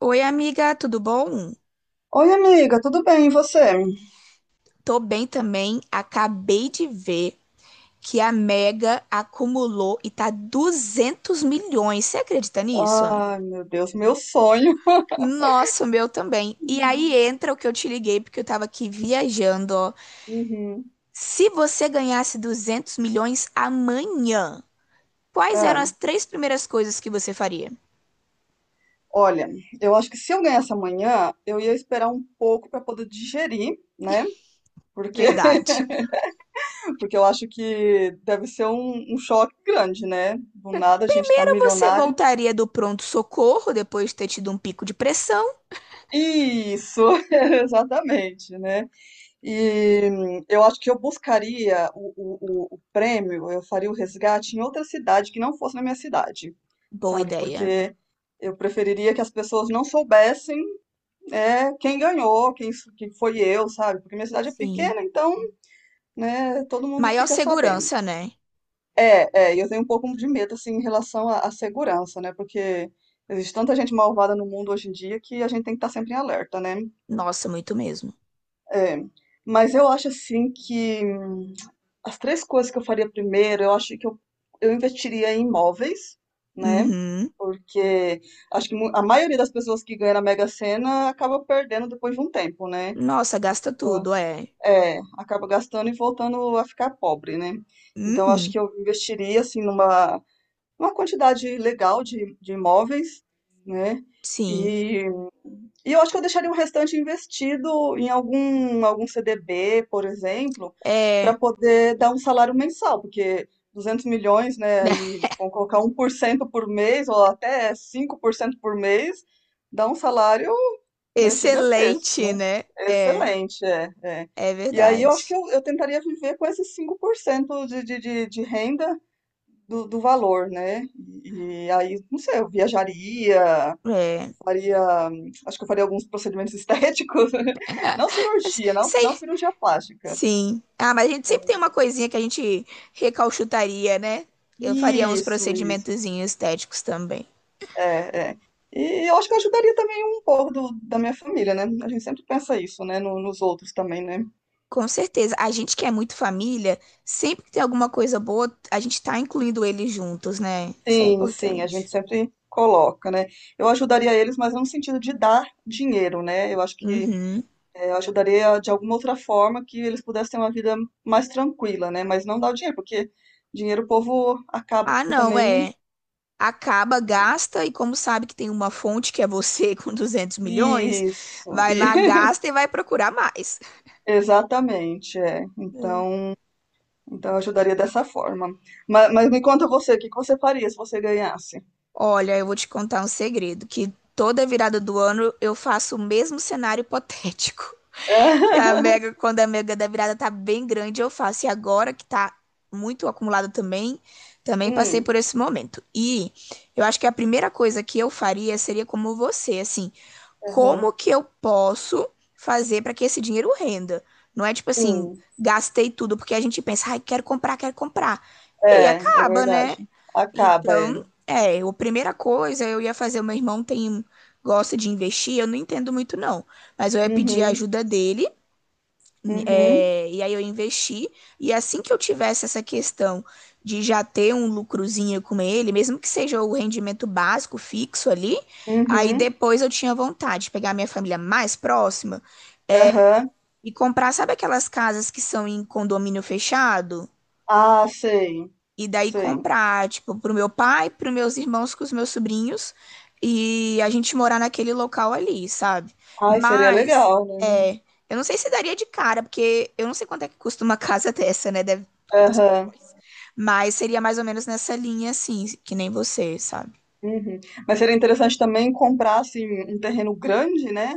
Oi, amiga, tudo bom? Oi, amiga, tudo bem? E você? Tô bem também. Acabei de ver que a Mega acumulou e tá 200 milhões. Você acredita nisso? Ai, meu Deus, meu sonho. Nossa, o meu também. E aí Uhum. entra o que eu te liguei, porque eu tava aqui viajando, ó. Se você ganhasse 200 milhões amanhã, quais eram Ah, as três primeiras coisas que você faria? olha, eu acho que se eu ganhasse amanhã, eu ia esperar um pouco para poder digerir, né? Porque, Verdade. porque eu acho que deve ser um choque grande, né? Do nada a gente tá Primeiro, você milionário. voltaria do pronto-socorro depois de ter tido um pico de pressão? Isso, exatamente, né? E eu acho que eu buscaria o prêmio, eu faria o resgate em outra cidade que não fosse na minha cidade, Boa sabe? ideia. Porque eu preferiria que as pessoas não soubessem quem ganhou, quem, quem foi eu, sabe? Porque minha cidade é Sim. pequena, então, né, todo mundo Maior fica sabendo. segurança, né? É, é, e eu tenho um pouco de medo, assim, em relação à segurança, né? Porque existe tanta gente malvada no mundo hoje em dia que a gente tem que estar sempre em alerta, né? Nossa, muito mesmo. É, mas eu acho, assim, que as três coisas que eu faria primeiro, eu acho que eu investiria em imóveis, né? Uhum. Porque acho que a maioria das pessoas que ganha na Mega Sena acaba perdendo depois de um tempo, né? Nossa, gasta tudo, é. É, acaba gastando e voltando a ficar pobre, né? Então acho Uhum. que eu investiria assim numa, uma quantidade legal de imóveis, né? Sim. E e eu acho que eu deixaria o restante investido em algum CDB, por exemplo, para É. poder dar um salário mensal, porque 200 milhões, né, aí vão colocar 1% por mês, ou até 5% por mês, dá um salário, né, gigantesco, Excelente, né? né? É. Excelente, é, é. É E aí eu acho que verdade. eu tentaria viver com esses 5% de renda do valor, né? E aí, não sei, eu viajaria, É. faria, acho que eu faria alguns procedimentos estéticos, não Mas, cirurgia, sei. não cirurgia plástica. Sim. Ah, mas a gente sempre tem É, uma coisinha que a gente recauchutaria, né? Eu faria uns isso, isso. procedimentozinhos estéticos também. É, é. E eu acho que eu ajudaria também um pouco da minha família, né? A gente sempre pensa isso, né? Nos outros também, né? Com certeza. A gente que é muito família, sempre que tem alguma coisa boa, a gente tá incluindo eles juntos, né? Isso é Sim, sim, a importante. gente sempre coloca, né? Eu ajudaria eles, mas não no sentido de dar dinheiro, né? Eu acho que Uhum. Eu ajudaria de alguma outra forma que eles pudessem ter uma vida mais tranquila, né? Mas não dar o dinheiro, porque dinheiro o povo acaba Ah, não, também. é. Acaba, gasta, e como sabe que tem uma fonte que é você com 200 milhões, Isso, vai lá, gasta e vai procurar mais. exatamente, é. Então eu ajudaria dessa forma. Mas me conta você, o que que você faria se você ganhasse? Olha, eu vou te contar um segredo, que toda virada do ano eu faço o mesmo cenário hipotético. E a mega, quando a mega da virada tá bem grande, eu faço. E agora que tá muito acumulado também, passei Hum, por esse momento. E eu acho que a primeira coisa que eu faria seria como você, assim, aham, como que eu posso fazer para que esse dinheiro renda? Não é tipo assim, sim, gastei tudo porque a gente pensa, ai, quero comprar, quero comprar. E aí é, é acaba, né? verdade. Acaba, é. Então, é, a primeira coisa eu ia fazer, o meu irmão tem gosta de investir, eu não entendo muito não, mas eu ia pedir a Uhum, ajuda dele uhum, é, e aí eu investi, e assim que eu tivesse essa questão de já ter um lucrozinho com ele, mesmo que seja o rendimento básico fixo ali, aí uhum, depois eu tinha vontade de pegar minha família mais próxima aham. e comprar, sabe aquelas casas que são em condomínio fechado? Ah, sei, E daí sei. comprar, tipo, pro meu pai, pros meus irmãos, com os meus sobrinhos, e a gente morar naquele local ali, sabe? Ai, seria Mas, legal, né? é, eu não sei se daria de cara, porque eu não sei quanto é que custa uma casa dessa, né? Deve, quantos Aham, milhões. Mas seria mais ou menos nessa linha, assim, que nem você, sabe? uhum. Mas seria interessante também comprar, assim, um terreno grande, né?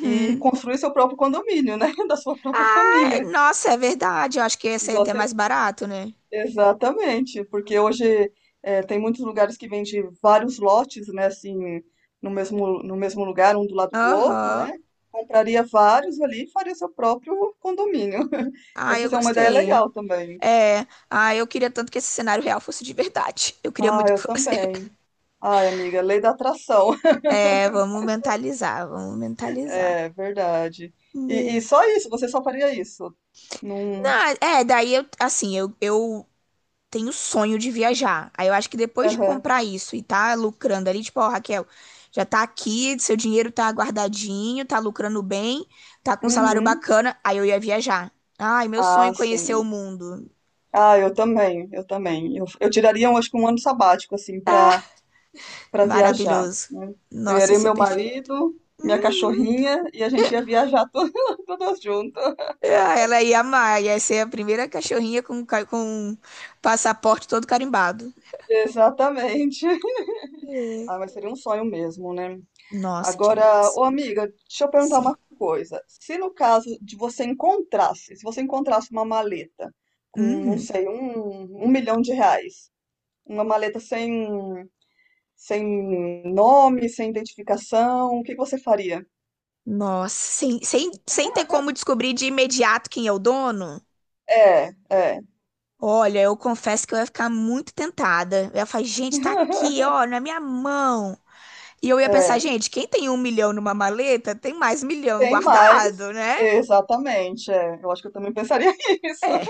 E construir seu próprio condomínio, né? Da sua própria Ah, é, família. nossa, é verdade. Eu acho que ia ser Igual até você... mais barato, né? Exatamente, porque hoje tem muitos lugares que vendem vários lotes, né, assim, no mesmo lugar, um do lado do outro, Aham. né? Compraria vários ali e faria seu próprio condomínio. Ah, eu Essa é uma ideia gostei. legal também. É, ah, eu queria tanto que esse cenário real fosse de verdade. Eu queria Ah, muito que eu fosse. também. Ai, amiga, lei da atração. É, vamos mentalizar, vamos mentalizar. É verdade. E, Né. e só isso, você só faria isso. Num... Não, é, daí eu, assim, eu tenho sonho de viajar. Aí eu acho que depois de Aham. comprar isso e tá lucrando ali, tipo, ó, Raquel, já tá aqui, seu dinheiro tá guardadinho, tá lucrando bem, tá com um salário Uhum. bacana, aí eu ia viajar. Ai, meu sonho é Ah, conhecer o sim. mundo. Ah, eu também, eu também. Eu tiraria, eu acho que um ano sabático, assim, pra Ah, para viajar, maravilhoso. né? Nossa, ia Pegaria ser meu perfeito. marido, minha cachorrinha e a gente ia viajar todas juntas. Ah, ela ia amar, ia ser a primeira cachorrinha com, com passaporte todo carimbado. Exatamente. Ah, mas seria um sonho mesmo, né? Nossa, Agora, demais. ô amiga, deixa eu perguntar Sim. uma coisa. Se você encontrasse uma maleta com, não Uhum. sei, um milhão de reais, uma maleta sem nome, sem identificação, o que que você faria? Nossa, sem ter como descobrir de imediato quem é o dono? É, é, Olha, eu confesso que eu ia ficar muito tentada. Eu ia falar, gente, tá aqui, ó, na minha mão. E eu ia pensar, é. gente, quem tem 1 milhão numa maleta tem mais milhão Tem mais. guardado, né? Exatamente, é. Eu acho que eu também pensaria isso. É.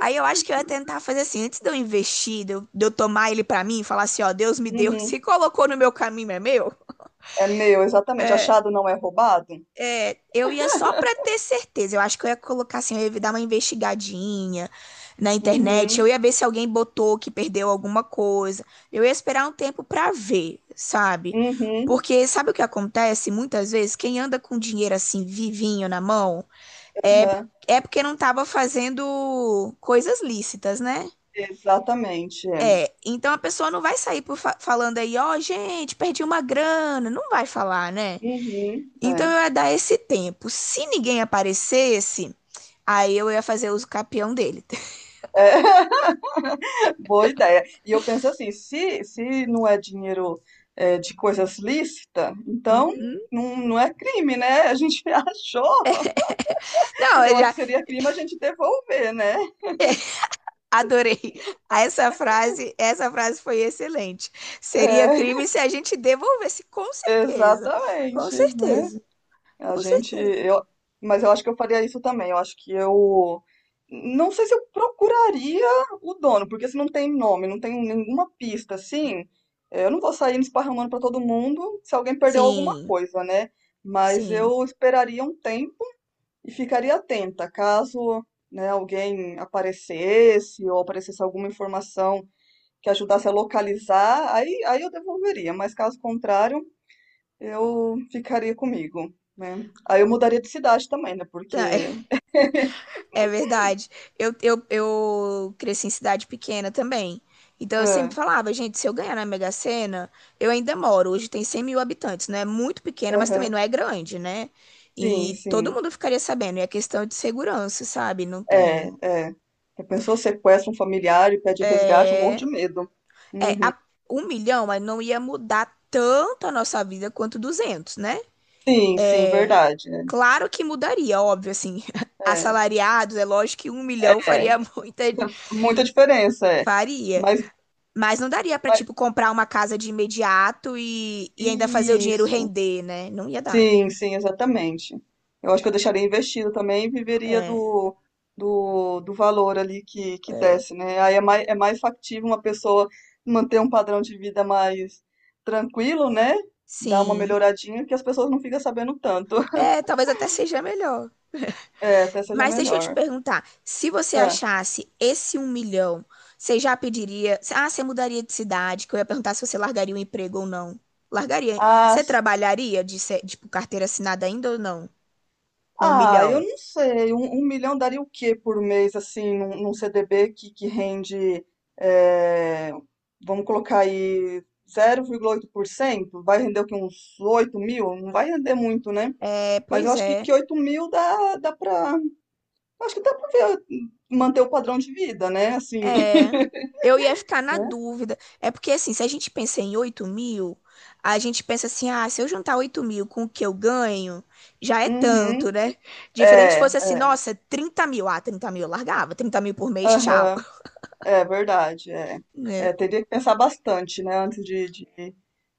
Aí eu acho que eu ia tentar fazer assim, antes de eu investir, de eu tomar ele pra mim, e falar assim, ó, Deus me deu, Uhum. se colocou no meu caminho, é meu. É meu, exatamente. Achado não é roubado? É, eu ia só pra ter certeza. Eu acho que eu ia colocar assim, eu ia dar uma investigadinha na internet. Eu Uhum. ia ver se alguém botou que perdeu alguma coisa. Eu ia esperar um tempo pra ver, sabe? Uhum. Porque sabe o que acontece muitas vezes? Quem anda com dinheiro assim, vivinho na mão, é, Aham. é porque não tava fazendo coisas lícitas, né? Exatamente, é. Então a pessoa não vai sair por falando aí, ó, gente, perdi uma grana. Não vai falar, né? Uhum. Então É. eu ia dar esse tempo. Se ninguém aparecesse, aí eu ia fazer uso capião dele. É. Boa ideia. E eu penso assim, se não é dinheiro de coisas lícitas, então Uhum. Não é crime, né? A gente achou. Não, eu Eu acho já que seria crime a gente devolver, né? adorei. Ah, essa frase. Essa frase foi excelente. Seria É, crime se a gente devolvesse, com certeza. Com exatamente, né? certeza. A Com gente, certeza. eu, mas eu acho que eu faria isso também. Eu acho que eu não sei se eu procuraria o dono, porque se não tem nome, não tem nenhuma pista assim, eu não vou sair esparramando para todo mundo se alguém perdeu alguma Sim, coisa, né? Mas sim. eu esperaria um tempo e ficaria atenta, caso, né, alguém aparecesse ou aparecesse alguma informação que ajudasse a localizar, aí eu devolveria, mas caso contrário, eu ficaria comigo, né? Aí eu mudaria de cidade também, né? Tá. Porque. É verdade. Eu cresci em cidade pequena também. Então eu sempre É, falava, gente, se eu ganhar na Mega Sena, eu ainda moro. Hoje tem 100 mil habitantes, não é muito pequena, mas também não aham, é grande, né? sim, E todo sim. mundo ficaria sabendo. E a questão de segurança, sabe? Não É, tem. é. A pessoa sequestra um familiar e pede resgate, eu morro de medo. É, Uhum. 1 milhão, mas não ia mudar tanto a nossa vida quanto 200, né? Sim, sim, verdade. Né? Claro que mudaria, óbvio, assim. É, Assalariados, é lógico que 1 milhão é. faria muita. Muita diferença, é. Faria. Mas, Mas não daria pra, mas tipo, comprar uma casa de imediato e ainda fazer o dinheiro isso. render, né? Não ia dar. Sim, sim, exatamente. Eu acho que eu deixaria investido também e viveria É, do, do valor ali que é. desce, né? Aí é mais factível uma pessoa manter um padrão de vida mais tranquilo, né? Dar uma Sim. melhoradinha que as pessoas não ficam sabendo tanto. É, talvez até seja melhor. É, até seja Mas deixa eu te melhor. perguntar, se você Ah, achasse esse 1 milhão, você já pediria? Ah, você mudaria de cidade? Que eu ia perguntar se você largaria o emprego ou não. Largaria. ah, Você trabalharia de, tipo, carteira assinada ainda ou não? Com um Ah, eu milhão? não sei. Um milhão daria o quê por mês, assim, num CDB que rende, eh, vamos colocar aí, 0,8%. Vai render o quê? Uns 8 mil? Não vai render muito, né? É, Mas eu pois acho que é. 8 mil dá, pra. Acho que dá pra ver, manter o padrão de vida, né? Assim, É, eu ia ficar na né? dúvida. É porque, assim, se a gente pensa em 8 mil, a gente pensa assim, ah, se eu juntar 8 mil com o que eu ganho, já é Uhum, tanto, né? Diferente se é, fosse assim, nossa, 30 mil. Ah, 30 mil eu largava, 30 mil por mês, tchau. aham, é verdade. É. Né, É, teria que pensar bastante, né, antes de, de,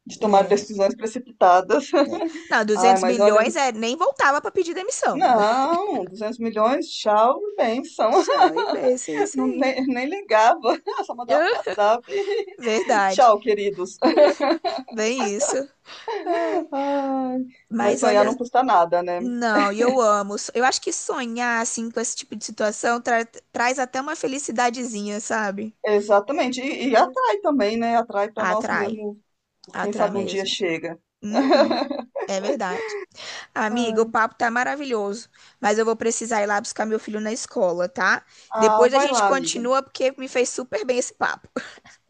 de tomar né, decisões precipitadas. né. Não, Ai, 200 mas olha. milhões é, nem voltava pra pedir demissão. Não, 200 milhões, tchau, bênção. Tchau e beijo, é isso Não, aí. nem ligava, só mandava um Ah, WhatsApp. verdade, Tchau, queridos. bem isso. Ai. Ai, mas Mas sonhar olha. não custa nada, né? Não, e eu amo. Eu acho que sonhar assim com esse tipo de situação traz até uma felicidadezinha, sabe? Exatamente. E atrai também, né? Atrai para nós Atrai, mesmos. Quem atrai sabe um dia mesmo. chega. Uhum, é verdade. Amiga, o papo tá maravilhoso, mas eu vou precisar ir lá buscar meu filho na escola, tá? Ah, Depois a vai gente lá, amiga. continua porque me fez super bem esse papo.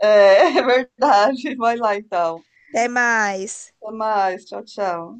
É, é verdade. Vai lá então. Até mais. Até mais. Tchau, tchau.